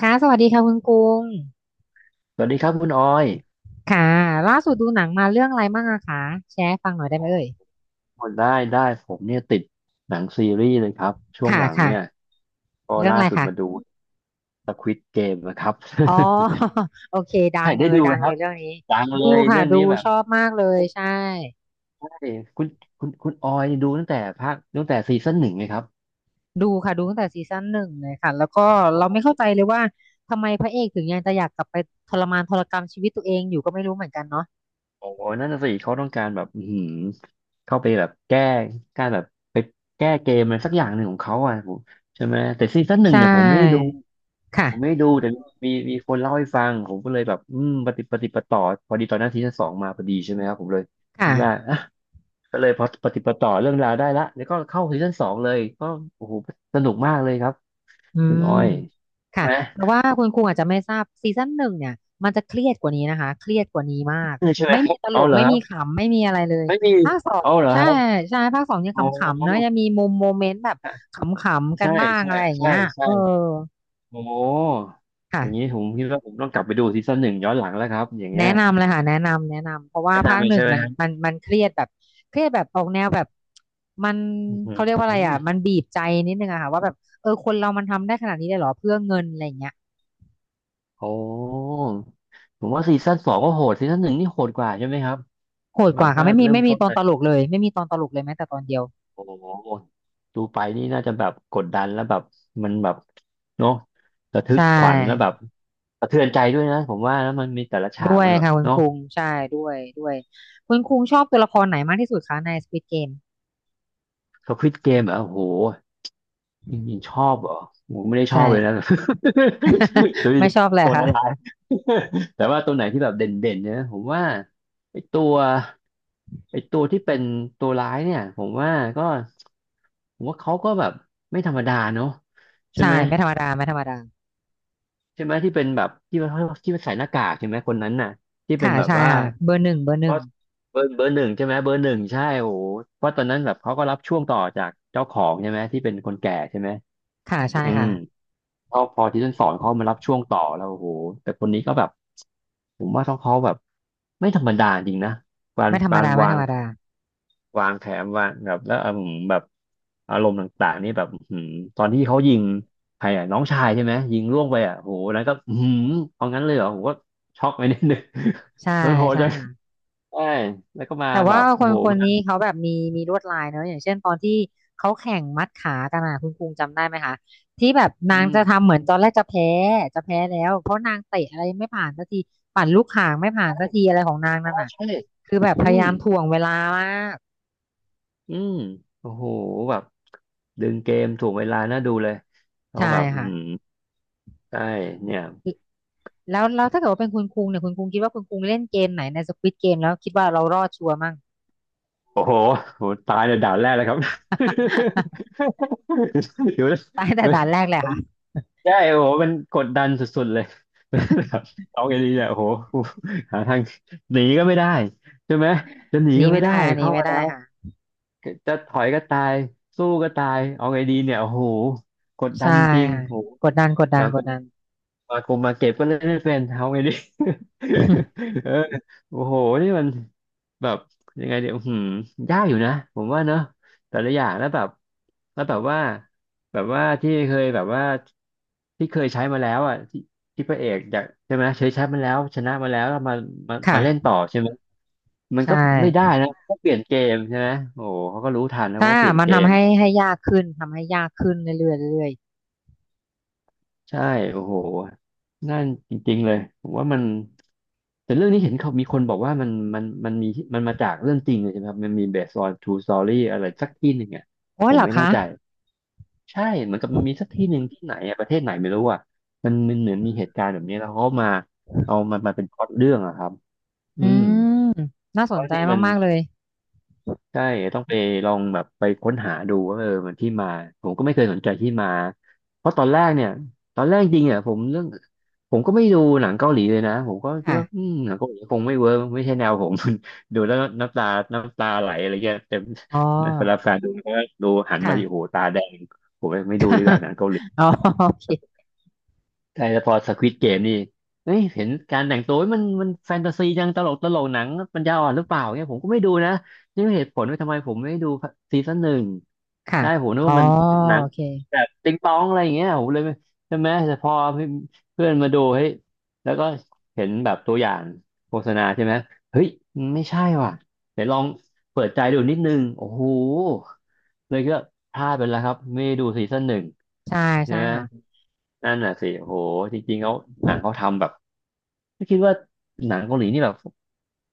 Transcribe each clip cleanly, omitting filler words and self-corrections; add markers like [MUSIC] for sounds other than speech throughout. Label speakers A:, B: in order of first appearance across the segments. A: ค่ะสวัสดีค่ะคุณกรุง
B: สวัสดีครับคุณออย
A: ค่ะล่าสุดดูหนังมาเรื่องอะไรบ้างอะคะแชร์ให้ฟังหน่อยได้ไหมเอ่ย
B: โอ้ได้ได้ผมเนี่ยติดหนังซีรีส์เลยครับช่วง
A: ค่ะ
B: หลัง
A: ค่ะ
B: เนี่ยก็
A: เรื่อง
B: ล่า
A: อะไร
B: สุด
A: คะ
B: มาดู Squid Game นะครับ
A: อ๋อ [LAUGHS] โอเคดั
B: [LAUGHS] ใช่
A: ง
B: ได้
A: เลย
B: ดู
A: ดั
B: ไหม
A: ง
B: ค
A: เล
B: รั
A: ย
B: บ
A: เรื่องนี้
B: ดังเล
A: ดู
B: ย
A: ค่ะ
B: เรื่อง
A: ดู
B: นี้แบบ
A: ชอบมากเลยใช่
B: ใช่คุณคุณออยดูตั้งแต่ภาคตั้งแต่ซีซั่นหนึ่งเลยครับ
A: ดูค่ะดูตั้งแต่ซีซั่นหนึ่งเลยค่ะแล้วก็
B: โอ้
A: เราไม่
B: โห
A: เข้าใจเลยว่าทำไมพระเอกถึงยังจะอยากกลับไปทรมานทรกรรมชีวิตตัวเองอยู่ก็ไม่รู้เหมือนกันเนาะ
B: โอ้โหนั่นน่ะสิเขาต้องการแบบอื้อหือเข้าไปแบบแก้การแบบไปแก้เกมอะไรสักอย่างหนึ่งของเขาอ่ะผมใช่ไหมแต่ซีซั่นหนึ่
A: ใช
B: งเนี่ยผมไม่ได้ดู
A: ่ค่ะ
B: ผมไม่ดูแต่มีคนเล่าให้ฟังผมก็เลยแบบปฏิปฏิปต่อพอดีตอนนั้นซีซั่นสองมาพอดีใช่ไหมครับผมเลยคิ
A: ค่ะ
B: ดว่าอ่ะก็เลยพอปฏิปต่อเรื่องราวได้ละแล้วก็เข้าซีซั่นสองเลยก็โอ้โหสนุกมากเลยครับ
A: อื
B: คุณอ
A: ม
B: อยใช่
A: ค่ะ
B: ไหม
A: เพราะว่าคุณครูอาจจะไม่ทราบซีซั่นหนึ่งเนี่ยมันจะเครียดกว่านี้นะคะเครียดกว่านี้มาก
B: เออใช่ไหม
A: ไม่
B: ค
A: มี
B: รับ
A: ตล
B: เอา
A: ก
B: เหรอ
A: ไม่
B: ครั
A: มี
B: บ
A: ขำไม่มีอะไรเลย
B: ไม่มี
A: ภาคสอง
B: เอาเหรอ
A: ใช่
B: ครับ
A: ใช่ภาคสองยัง
B: อ๋อ
A: ขำๆเนอะยังมีมุมโมเมนต์แบบขำๆกัน
B: ใช่
A: บ้าง
B: ใช่
A: อะไรอย่างเงี้
B: ใช่
A: ยเอ
B: ใช่
A: อ
B: โอ้โหอย่างนี้
A: ค่ะ
B: ผมคิดว่าผมต้องกลับไปดูซีซั่นหนึ่งย้อนหลังแล้วครับอย่าง
A: แนะ
B: เงี้ย
A: นำเลยค่ะแนะนำแนะนำเพราะว่า
B: แนะ
A: ภา
B: นำ
A: ค
B: เลย
A: หนึ่
B: ใช่
A: ง
B: ไหม
A: มัน
B: ครั
A: มั
B: บ
A: นมันเครียดแบบเครียดแบบออกแนวแบบมัน
B: อือหือ
A: เขาเรียกว่าอะไรอ่ะมันบีบใจนิดนึงอะค่ะว่าแบบเออคนเรามันทำได้ขนาดนี้เลยเหรอเพื่อเงินอะไรอย่างเงี้ย
B: โอ้ผมว่าซีซั่นสองก็โหดซีซั่นหนึ่งนี่โหดกว่าใช่ไหมครับ
A: โหด
B: แบ
A: ก
B: บ
A: ว่าค่ะ
B: ว่า
A: ไม่มี
B: เริ่ม
A: ไม่มี
B: ต้น
A: ตอน
B: เล
A: ต
B: ย
A: ลกเลยไม่มีตอนตลกเลยแม้แต่ตอนเดียว
B: โอ้โหดูไปนี่น่าจะแบบกดดันแล้วแบบมันแบบเนาะระทึก
A: ใช่
B: ขวัญแล้วแบบสะเทือนใจด้วยนะผมว่าแล้วมันมีแต่ละฉาก
A: ด้วย
B: มันแบบ
A: ค่ะคุณ
B: เนาะ
A: คุงใช่ด้วยด้วยคุณคุงชอบตัวละครไหนมากที่สุดคะใน Squid Game
B: สควิดเกมอ่ะโอ้โหจริงๆชอบเหรอผมไม่ได้ช
A: ใช่
B: อบเลยนะ [LAUGHS] ตัว
A: [LAUGHS]
B: นี้
A: ไม่ชอบเลย
B: ตัวร้า
A: ค่ะ
B: ยๆแต่ว่าตัวไหนที่แบบเด่นๆเนี่ยผมว่าไอ้ตัว ไอตัวที่เป็นตัวร้ายเนี่ยผมว่าก็ผมว่าเขาก็แบบไม่ธรรมดาเนอะใช่
A: ใช่
B: ไหม
A: ไม่ธรรมดาไม่ธรรมดา
B: ใช่ไหมที่เป็นแบบที่ว่าที่ว่าใส่หน้ากากใช่ไหมคนนั้นน่ะที่เป็น
A: ค่ะ
B: แบบ
A: ใช่
B: ว่า
A: ค่ะเบอร์หนึ่งเบอร์หนึ่
B: ก็
A: ง
B: เบอร์หนึ่งใช่ไหมเบอร์หนึ่งใช่โอ้โหเพราะตอนนั้นแบบเขาก็รับช่วงต่อจากเจ้าของใช่ไหมที่เป็นคนแก่ใช่ไหม
A: ค่ะใช่
B: อื
A: ค่ะ
B: มพอที่ต้นสอนเขามารับช่วงต่อแล้วโอ้โหแต่คนนี้ก็แบบผมว่าเขาแบบไม่ธรรมดาจริงนะการ
A: ไม่ธรรม
B: การ
A: ดาไม่
B: วา
A: ธร
B: ง
A: รมดา
B: วางแขนวางแบบแล้วแบบอารมณ์ต่างๆนี่แบบตอนที่เขายิงใครอ่ะน้องชายใช่ไหมยิงล่วงไปอ่ะโหนั้นก็เอางั้นเลยเหรอผมก็ช็อกไปนิดนึง
A: ใช่
B: [LAUGHS] มันโหด
A: ใช่
B: จัง
A: ค่ะ
B: ใช่แล้วก็มา
A: แต่
B: แบ
A: ว่า
B: บ
A: ค
B: โอ้
A: น
B: โห
A: คน
B: มา
A: นี้เขาแบบมีมีลวดลายเนอะอย่างเช่นตอนที่เขาแข่งมัดขากันอ่ะคุณคุงจำได้ไหมคะที่แบบ
B: อื
A: นาง
B: ม
A: จะทำเหมือนตอนแรกจะแพ้จะแพ้แล้วเพราะนางเตะอะไรไม่ผ่านสักทีปั่นลูกข่างไม่ผ่าน
B: ใช่
A: สักทีอะไรของนาง
B: อ๋
A: นั่
B: อ
A: นอ่ะ
B: ใช่
A: คือแบบพ
B: อื
A: ยา
B: ม
A: ยามถ่วงเวลามาก
B: อืมโอ้โหแบบดึงเกมถูกเวลาน่าดูเลยเขา
A: ใช่
B: แบบ
A: ค่ะ
B: ใช่เนี่ย
A: แล้วแล้วถ้าเกิดว่าเป็นคุณคุงเนี่ยคุณคุงคิดว่าคุณคุงเล่นเกมไหนในสควิดเกมแล้วคิดว่าเรารอดชัวร์มั่ง
B: โอ้โหโหตายในด่านแรกเลยครับ [LAUGHS] เดี๋ยว
A: [LAUGHS] ตายแต่
B: มัน
A: ด่านแรกเลยค่ะ
B: ใช่โอ้โหมันกดดันสุดๆเลย [LAUGHS] เอาไงดีเนี่ยโอ้โห หาทางหนีก็ไม่ได้ใช่ไหมจะหนี
A: หนี
B: ก็ไม่
A: ไม่
B: ได้
A: ได้หนี
B: เข้า
A: ไม่
B: มาแล้
A: ได้
B: ว
A: ค่ะ
B: จะถอยก็ตาย สู้ก็ตายเอาไงดีเนี่ยโอ้โห กดดั
A: ใช่
B: นจริง
A: ค่ะ
B: ๆโอ้โห
A: กดดันกดดัน
B: มา
A: ก
B: ก
A: ด
B: ง
A: ดัน
B: มากมมาเก็บก็เล่นไม่เป็นเอาไงดิ
A: [LAUGHS]
B: [LAUGHS] เออโอ้โหนี่มันแบบยังไงเดี๋ยวหืมยากอยู่นะผมว่าเนอะแต่ละอย่างแล้วแบบแล้วแบบว่าแบบว่าที่เคยแบบว่าที่เคยใช้มาแล้วอ่ะที่ที่พระเอกอยากใช่ไหมเคยใช้มาแล้วชนะมาแล้วแล้วมามาเล่น
A: ค่ะ
B: ต่อใช่ไหมมัน
A: ใช่
B: ก็ไม่ได้นะก็เปลี่ยนเกมใช่ไหมโอ้โหเขาก็รู้ทันแล้ว
A: ถ้า
B: ก็เปลี่ยน
A: มัน
B: เก
A: ทำ
B: ม
A: ให้ให้ยากขึ้นทำให้ยากขึ้นเรื่อยๆเรื่อย
B: ใช่โอ้โหนั่นจริงๆเลยผมว่ามันแต่เรื่องนี้เห็นเขามีคนบอกว่ามันมีมันมาจากเรื่องจริงเลยใช่ไหมครับมันมี based on true story อะไรสักที่หนึ่งอ่ะ
A: ๆโอ้
B: ผ
A: ย
B: ม
A: เหรอ
B: ไม่แน่
A: คะ
B: ใจใช่เหมือนกับมันมีสักที่หนึ่งที่ไหนอะประเทศไหนไม่รู้อ่ะมันเหมือนมีเหตุการณ์แบบนี้แล้วเขามาเอามันมาเป็นพล็อตเรื่องอะครับอื
A: อื
B: ม
A: มน่าส
B: เพ
A: น
B: ราะ
A: ใจ
B: นี่มัน
A: มากๆเลย
B: ใช่ต้องไปลองแบบไปค้นหาดูว่าเออมันที่มาผมก็ไม่เคยสนใจที่มาเพราะตอนแรกเนี่ยตอนแรกจริงเนี่ยผมเรื่องผมก็ไม่ดูหนังเกาหลีเลยนะผมก็คิด
A: ค่ะ
B: ว่าหนังเกาหลีคงไม่เวิร์กไม่ใช่แนวผม [LAUGHS] ดูแล้วน้ำตาไหลอะไรเงี้ยแต่
A: อ๋อ
B: [LAUGHS] เวลาแฟนดูก็ดูหันมา
A: ค่ะ
B: ที่โอ้โหตาแดงผมไม่ดูดีกว่าหนังเกาหลี
A: อ๋อ [LAUGHS] โอเค
B: ใช่แล้วพอสควิดเกมนี่เฮ้ยเห็นการแต่งตัวมันแฟนตาซีจังตลกหนังปัญญาอ่อนหรือเปล่าเนี่ยผมก็ไม่ดูนะนี่เป็นเหตุผลว่าทำไมผมไม่ดูซีซั่นหนึ่ง
A: ค่ะ
B: ได้ผมนึก
A: อ๋อ
B: ว่ามันหนัง
A: โอเค
B: แบบติงตองอะไรอย่างเงี้ยผมเลยไม่ใช่ไหมแต่พอเพื่อนมาดูเฮ้ยแล้วก็เห็นแบบตัวอย่างโฆษณาใช่ไหมเฮ้ยไม่ใช่ว่ะเดี๋ยวลองเปิดใจดูนิดนึงโอ้โหเลยก็พลาดไปแล้วครับไม่ได้ดูซีซั่นหนึ่ง
A: ใช่
B: ใช่
A: ใช่
B: ไหม
A: ค่ะ
B: นั่นน่ะสิโหจริงๆเขาหนังเขาทำแบบไม่คิดว่าหนังเกาหลีนี่แบบ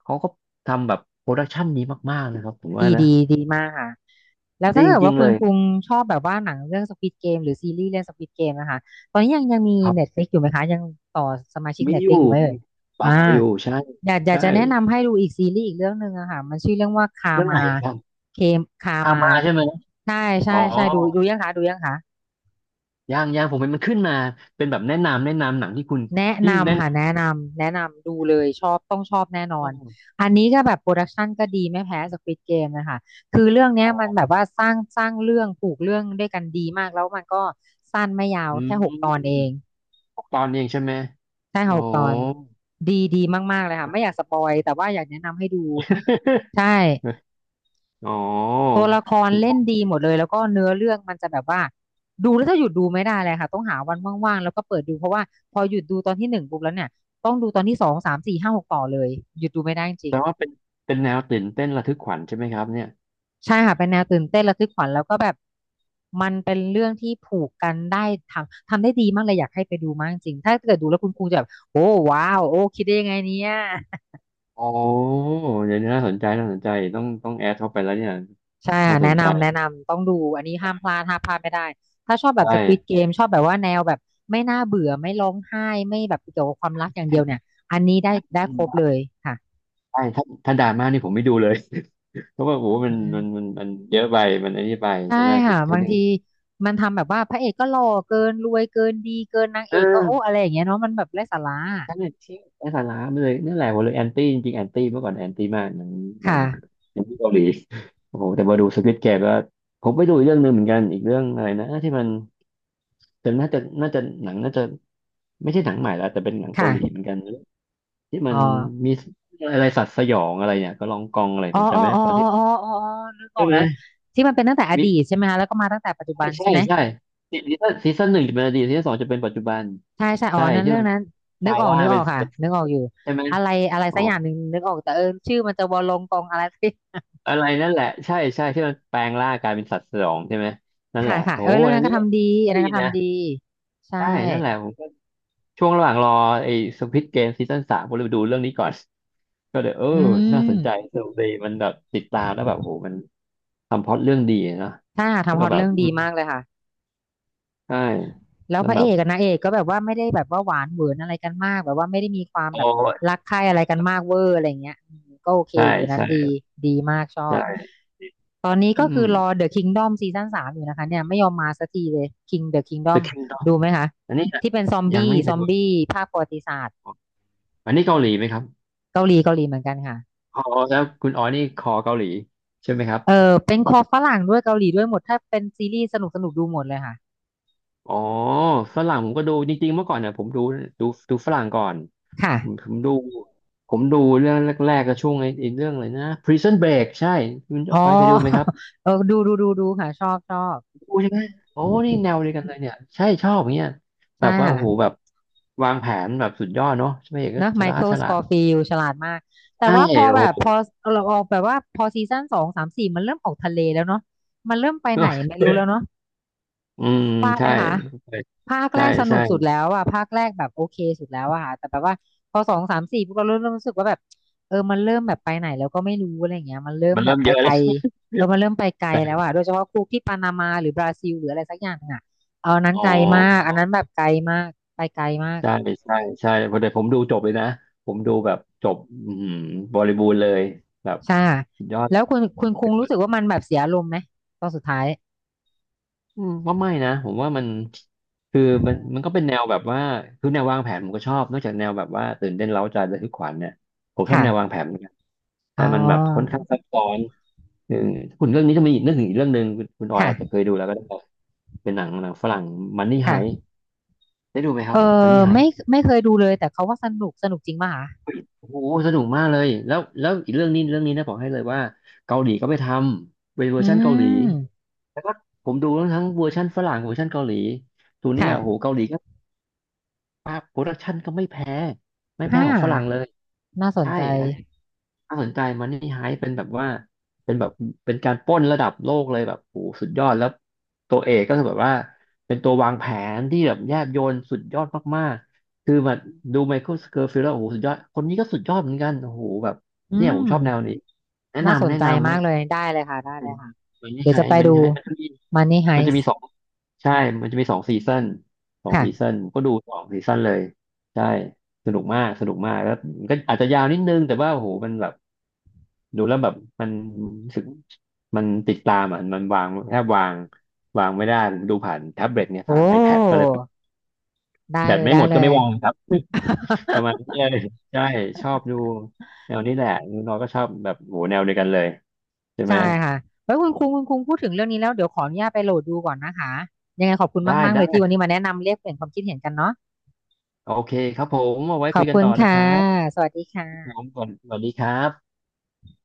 B: เขาก็ทำแบบโปรดักชันนี้มากๆนะครับผมว่า
A: ดี
B: นะ
A: ดีดีมากค่ะแล้ว
B: ไดี
A: ถ้า
B: จ
A: เกิด
B: ริ
A: ว่า
B: งๆ
A: คุ
B: เล
A: ณ
B: ย
A: คุงชอบแบบว่าหนังเรื่อง Squid Game หรือซีรีส์เรื่อง Squid Game นะคะตอนนี้ยังยังมี
B: ครับ
A: Netflix อยู่ไหมคะยังต่อสมาชิก
B: มีอยู่
A: Netflix อยู่ไหมเอ่
B: มี
A: ยอ่า
B: เปาอยู่ใช่
A: อยากอยาก
B: ใช่
A: จะแนะนำให้ดูอีกซีรีส์อีกเรื่องหนึ่งอะค่ะมันชื่อเรื่องว่าคา
B: เรื่อง
A: มา
B: ไหนครับ
A: เคมคา
B: คา
A: มา
B: มาใช่ไหม
A: ใช่ใช่
B: อ๋อ
A: ใช่ดูดูยังคะดูยังคะ
B: ยังยังผมเห็นมันขึ้นมาเป็นแบบแนะนำหนังที่คุณ
A: แนะ
B: ที่แนะ
A: นำ
B: น
A: ค่ะแนะนำแนะนำดูเลยชอบต้องชอบแน่นอน
B: ำ
A: อันนี้ก็แบบโปรดักชันก็ดีไม่แพ้ Squid Game นะคะคือเรื่องเนี้ย
B: อ๋อ
A: มันแบบว่าสร้างสร้างเรื่องผูกเรื่องด้วยกันดีมากแล้วมันก็สั้นไม่ยาว
B: อืม
A: แค่หกตอนเอง
B: หกตอนเองใช่ไหม
A: ใช่
B: โอ้
A: ค่ะหกตอนดีดีมากๆเลยค่ะไม่อยากสปอยแต่ว่าอยากแนะนำให้ดูใช่
B: [LAUGHS] อ๋อ
A: ตัวละคร
B: คุณ
A: เล่
B: อ๋อ
A: นดีหมดเลยแล้วก็เนื้อเรื่องมันจะแบบว่าดูแล้วจะหยุดดูไม่ได้เลยค่ะต้องหาวันว่างๆแล้วก็เปิดดูเพราะว่าพอหยุดดูตอนที่หนึ่งปุ๊บแล้วเนี่ยต้องดูตอนที่สองสามสี่ห้าหกต่อเลยหยุดดูไม่ได้จริง
B: แต่ว่าเป็นแนวตื่นเต้นระทึกขวัญใช่ไหมครับเนี่ย
A: ๆใช่ค่ะเป็นแนวตื่นเต้นระทึกขวัญแล้วก็แบบมันเป็นเรื่องที่ผูกกันได้ทำทำได้ดีมากเลยอยากให้ไปดูมากจริงๆถ้าเกิดดูแล้วคุณครูจะแบบโอ้ว้าวโอ้คิดได้ยังไงเนี่ย
B: โอ้เดี๋ยวนี้น่าสนใจน่าสนใจต้องแอดเข้าไปแล้วเนี่ย
A: ใช่
B: น่า
A: ค่ะ
B: สน
A: แนะ
B: ใจ
A: นำแนะนำต้องดูอันนี้ห้ามพลาดห้ามพลาดไม่ได้ถ้าชอบ
B: ใช
A: แบบ Squid
B: ่
A: Game ชอบแบบว่าแนวแบบไม่น่าเบื่อไม่ร้องไห้ไม่แบบเกี่ยวกับความรักอย่างเดียวเนี่
B: ใช่
A: ยอันนี้ได้ได้ครบเลยค่ะ
B: ใช่ถ้าดราม่านี่ผมไม่ดูเลย [LAUGHS] เพราะว่าโอ้โหมั
A: อื
B: นมัน
A: ม
B: มันมันเยอะไปมันอันนี้ไป
A: ใช่
B: ใช่ไหมคื
A: ค่ะ
B: อฉั
A: บา
B: น
A: ง
B: ยัง
A: ทีมันทำแบบว่าพระเอกก็หล่อเกินรวยเกินดีเกินนาง
B: เ
A: เอกก็โอ้
B: ออ
A: อะไรอย่างเงี้ยเนาะมันแบบไร้สาระ
B: ฉันเนี่ยทิ้งไอ้สาระไปเลยนั่นแหละผมเลยแอนตี้จริงๆแอนตี้เมื่อก่อนแอนตี้มากหนังหนัง
A: ค่ะ
B: หนังที่เกาหลีโอ้โหแต่มาดูสควิดเกมก็ผมไปดูอีกเรื่องหนึ่งเหมือนกันอีกเรื่องอะไรนะที่มันแต่น่าจะหนังน่าจะ ไม่ใช่หนังใหม่แล้วแต่เป็นหนังเกา
A: ค่ะ
B: หลีเหมือนกันที่มั
A: อ๋อ
B: นมีอะไรสัตว์สยองอะไรเนี่ยก็ลองกองอะไร
A: อ๋อ
B: ผมจำ
A: อ๋อ
B: ไม่ได้
A: อ๋อ
B: ประ
A: อ๋
B: เท
A: อ
B: ศ
A: อ๋ออ๋อนึกออ
B: ใช่
A: ก
B: ไห
A: แล้
B: ม
A: วที่มันเป็นตั้งแต่อ
B: วิ
A: ดีตใช่ไหมคะแล้วก็มาตั้งแต่ปัจจุบั
B: ใช่
A: น
B: ใช่
A: ใช่ไหม
B: ใช่ซีซั่นหนึ่งจะเป็นอดีตซีซั่นสองจะเป็นปัจจุบัน
A: ใช่ใช่อ๋อ
B: ใช่
A: นั้น
B: ที่
A: เรื่อ
B: มั
A: ง
B: น
A: นั้น
B: ก
A: นึก
B: ลาย
A: ออก
B: ร่า
A: นึ
B: ง
A: กอ
B: เป็
A: อ
B: น
A: กค่ะ
B: เป็น
A: นึกออกอยู่
B: ใช่ไหม
A: อะไรอะไร
B: อ๋อ
A: สักอย่างหนึ่งนึกออกแต่เออชื่อมันจะวอลงกองอะไร [LAUGHS] สักอย่าง
B: อะไรนั่นแหละใช่ใช่ที่มันแปลงร่างกลายเป็นสัตว์สยองใช่ไหมนั่นแห
A: ค่ะ
B: ละ
A: ค่ะ
B: โอ้
A: เออเรื่อง
B: อั
A: นั้
B: น
A: นก็
B: นี้
A: ทำดีอันนั้
B: ดี
A: นก็
B: นะ
A: ทำดีใช่
B: ใช่นั่นแหละผมก็ช่วงระหว่างรอไอ้สควิดเกมซีซั่นสามผมเลยไปดูเรื่องนี้ก่อนก็เลยเออ
A: อื
B: น่าสนใจ
A: ม
B: สนุกดีมันแบบติดตามแล้วแบบโอ้โหมันทำพล็อตเรื่องดีเนาะ
A: ใช่ค่ะ
B: แล้ว
A: ทำฮ
B: ก็
A: อต
B: แบบ
A: เรื่อง
B: อื
A: ดี
B: ม
A: มากเลยค่ะ
B: ใช่
A: แล้ว
B: แล้
A: พ
B: ว
A: ระ
B: แบ
A: เอ
B: บ
A: กกับนางเอกก็แบบว่าไม่ได้แบบว่าหวานเหวือนอะไรกันมากแบบว่าไม่ได้มีความ
B: โอ้
A: แบบรั
B: ย
A: กใคร่อะไรกันมากเวอร์อะไรเงี้ยอืมก็โอเค
B: ใช่
A: อยู่นั้น
B: ใช่
A: ดีดีมากชอบ
B: ใช่
A: ตอนนี้
B: อื
A: ก็คือ
B: ม
A: รอ The Kingdom ซีซั่น 3อยู่นะคะเนี่ยไม่ยอมมาสักทีเลย King The
B: The
A: Kingdom
B: Kingdom
A: ดูไหมคะ
B: อันนี้นะ
A: ที่เป็นซอม
B: ยัง
A: บี้
B: ไม่เค
A: ซ
B: ย
A: อม
B: ดู
A: บี้ภาคประวัติศาสตร์
B: อันนี้เกาหลีไหมครับ
A: เกาหลีเกาหลีเหมือนกันค่ะ
B: อ๋อแล้วคุณอ๋อนี่คอเกาหลีใช่ไหมครับ
A: เออเป็นคอฝรั่งด้วยเกาหลีด้วยหมดถ้าเป็นซีรีส์สนุกสนุกดูหมดเลยค่ะ
B: อ๋อฝรั่งผมก็ดูจริงๆเมื่อก่อนเนี่ยผมดูดูดูฝรั่งก่อน
A: ค่ะ
B: ผมดูผมดูเรื่องแรกๆก็ช่วงไอ้เรื่องอะไรนะ Prison Break ใช่คุณจ
A: อ๋
B: อ
A: อ
B: ยเคยดูไหมครั
A: [LAUGHS]
B: บ
A: ดูดูดูดูค่ะชอบชอบ
B: ดูใช่ไหมโอ้นี่แนวเดียวกันเลยเนี่ยใช่ชอบอย่างเงี้ยแบ
A: ใช่
B: บว่าโอ้โห
A: ค่ะ
B: แบบวางแผนแบบสุดยอดเนาะพระเอกก็
A: นะ
B: ฉ
A: ไม
B: ลาด
A: เคิล
B: ฉ
A: ส
B: ลา
A: ก
B: ด
A: อฟิลฉลาดมากแต่
B: ใช่
A: ว่าพอ
B: โอ้
A: แบบ
B: โห
A: พอเราออกแบบว่าพอซีซั่น 2 3 4มันเริ่มออกทะเลแล้วเนาะมันเริ่มไปไหนไม่รู้แล้วเนาะ
B: อืม
A: ว่าไหม
B: ใช่
A: คะภาคแร
B: ใช่
A: กสนุ
B: ใช่
A: กสุดแล้วอะภาคแรกแบบโอเคสุดแล้วอะค่ะแต่แบบว่าพอสองสามสี่พวกเราเริ่มรู้สึกว่าแบบเออมันเริ่มแบบไปไหนแล้วก็ไม่รู้อะไรอย่างเงี้ยมันเริ่ม
B: มัน
A: แบ
B: เริ่
A: บ
B: ม
A: ไป
B: เยอะ
A: ไกล
B: แล้ว
A: เออมันเริ่มไปไกลแล้ว
B: ใช่
A: อะโดยเฉพาะคู่ที่ปานามาหรือบราซิลหรืออะไรสักอย่างอะเอาอันนั้น
B: อ๋อ
A: ไกลมากอันนั้นแบบไกลมากไปไกลมาก
B: ใช่ใช่ใช่พอดีผมดูจบเลยนะผมดูแบบจบอื้บริบูรณ์เลยแบบ
A: ใช่
B: สุดยอด
A: แล้วคุณคุณคุงรู้สึกว่ามันแบบเสียอารมณ์ไหมตอนสุดท้าย
B: อืมว่าไม่นะผมว่ามันคือมันก็เป็นแนวแบบว่าคือแนววางแผนผมก็ชอบนอกจากแนวแบบว่าตื่นเต้นเร้าใจระทึกขวัญเนี่ยผมชอบแนววาง
A: ค่ะ
B: แผนเหมือนกัน
A: อ๋
B: แต่มันแบบค่อน
A: อ
B: ข้างซับซ้อน เออคุณเรื่องนี้จะมีอีกนึกถึงอีกเรื่องหนึ่งคุณออยอาจจะเค
A: ค่ะ
B: ยดูแล้วก็ได้เป็นหนังฝรั่งมันนี่ไฮ
A: ค่ะ
B: ได้ดูไหมค
A: เอ
B: รับมัน
A: อ
B: นี่ไฮ
A: ไม่
B: ที่เป็น
A: ไม่เคยดูเลยแต่เขาว่าสนุกสนุกจริงป่ะคะ
B: โอ้โหสนุกมากเลยแล้วอีกเรื่องนี้เรื่องนี้นะบอกให้เลยว่าเกาหลีก็ไปทำเป็นเวอ
A: อื
B: ร์ชันเกาหลี
A: ม
B: แล้วก็ผมดูทั้งเวอร์ชันฝรั่งเวอร์ชันเกาหลีตัวเนี้ย
A: ค่ะ
B: โอ้โหเกาหลี วาพโปรดักชันก็ไม่แพ้ไม่แพ้
A: ห้า
B: ของฝรั่งเลย
A: น่าสน
B: ใช่
A: ใจ
B: อันนี้น่าสนใจมันนี่ไฮเป็นแบบว่าเป็นแบบเป็นการปล้นระดับโลกเลยแบบโหสุดยอดแล้วตัวเอกก็คือแบบว่าเป็นตัววางแผนที่แบบแยบยลสุดยอดมากๆคือแบบดูไมเคิลส c ร r ฟิลด์แล้วโอ้โหสุดยอดคนนี้ก็สุดยอดเหมือนกันโอ้โหแบบ
A: อื
B: เนี่ยผม
A: ม
B: ชอบแนวนี้แนะ
A: น่าส
B: นำ
A: น
B: แนะ
A: ใจ
B: นำไหม
A: มากเลยได้เลยค่ะได้เลยค่ะ
B: มันนี่
A: เดี๋ย
B: ไฮ
A: วจะไป
B: มันนี่
A: ดู
B: ไฮมันก็ดี
A: Money
B: มันจะ
A: Heist
B: มีสองใช่มันจะมีสองซีซันสองซีซั
A: ค่ะ
B: นก็ดูสองซีซันเลยใช่สนุกมากสนุกมากแล้วมันก็อาจจะยาวนิดนึงแต่ว่าโอ้โหมันแบบดูแล้วแบบมันรู้สึกมันติดตามอ่ะมันวางแทบวางวางไม่ได้ผมดูผ่านแท็บเล็ตเนี่ย
A: โอ้
B: ผ่าน iPad ก็เลย
A: ได้
B: แบ
A: เล
B: ต
A: ย
B: ไม่ห
A: ได้
B: มด
A: เล
B: ก็ไม่
A: ย
B: วางครับ [LAUGHS] ประมาณ
A: [LAUGHS]
B: นี้เลยใช่ชอบดูแนวนี้แหละน้องก็ชอบแบบโหแนวเดียวกันเลยใช่ไห
A: ใช่
B: ม
A: ค่ะไว้คุณคุงคุณคุงพูดถึงเรื่องนี้แล้วเดี๋ยวขออนุญาตไปโหลดดูก่อนนะคะ ยังไงขอบคุณ
B: ได้
A: มากๆเลยที่
B: ได้
A: วันนี้มาแนะนำเรียกเปลี่ยนความคิดเห็นกันเนาะ
B: โอเคครับผมเอาไว้
A: ขอ
B: คุ
A: บ
B: ยกัน
A: คุณ
B: ต่อนะค
A: ค่ะ
B: รับ
A: สวัสดีค
B: ผม
A: ่ะ
B: สวัสสวัสดีครับ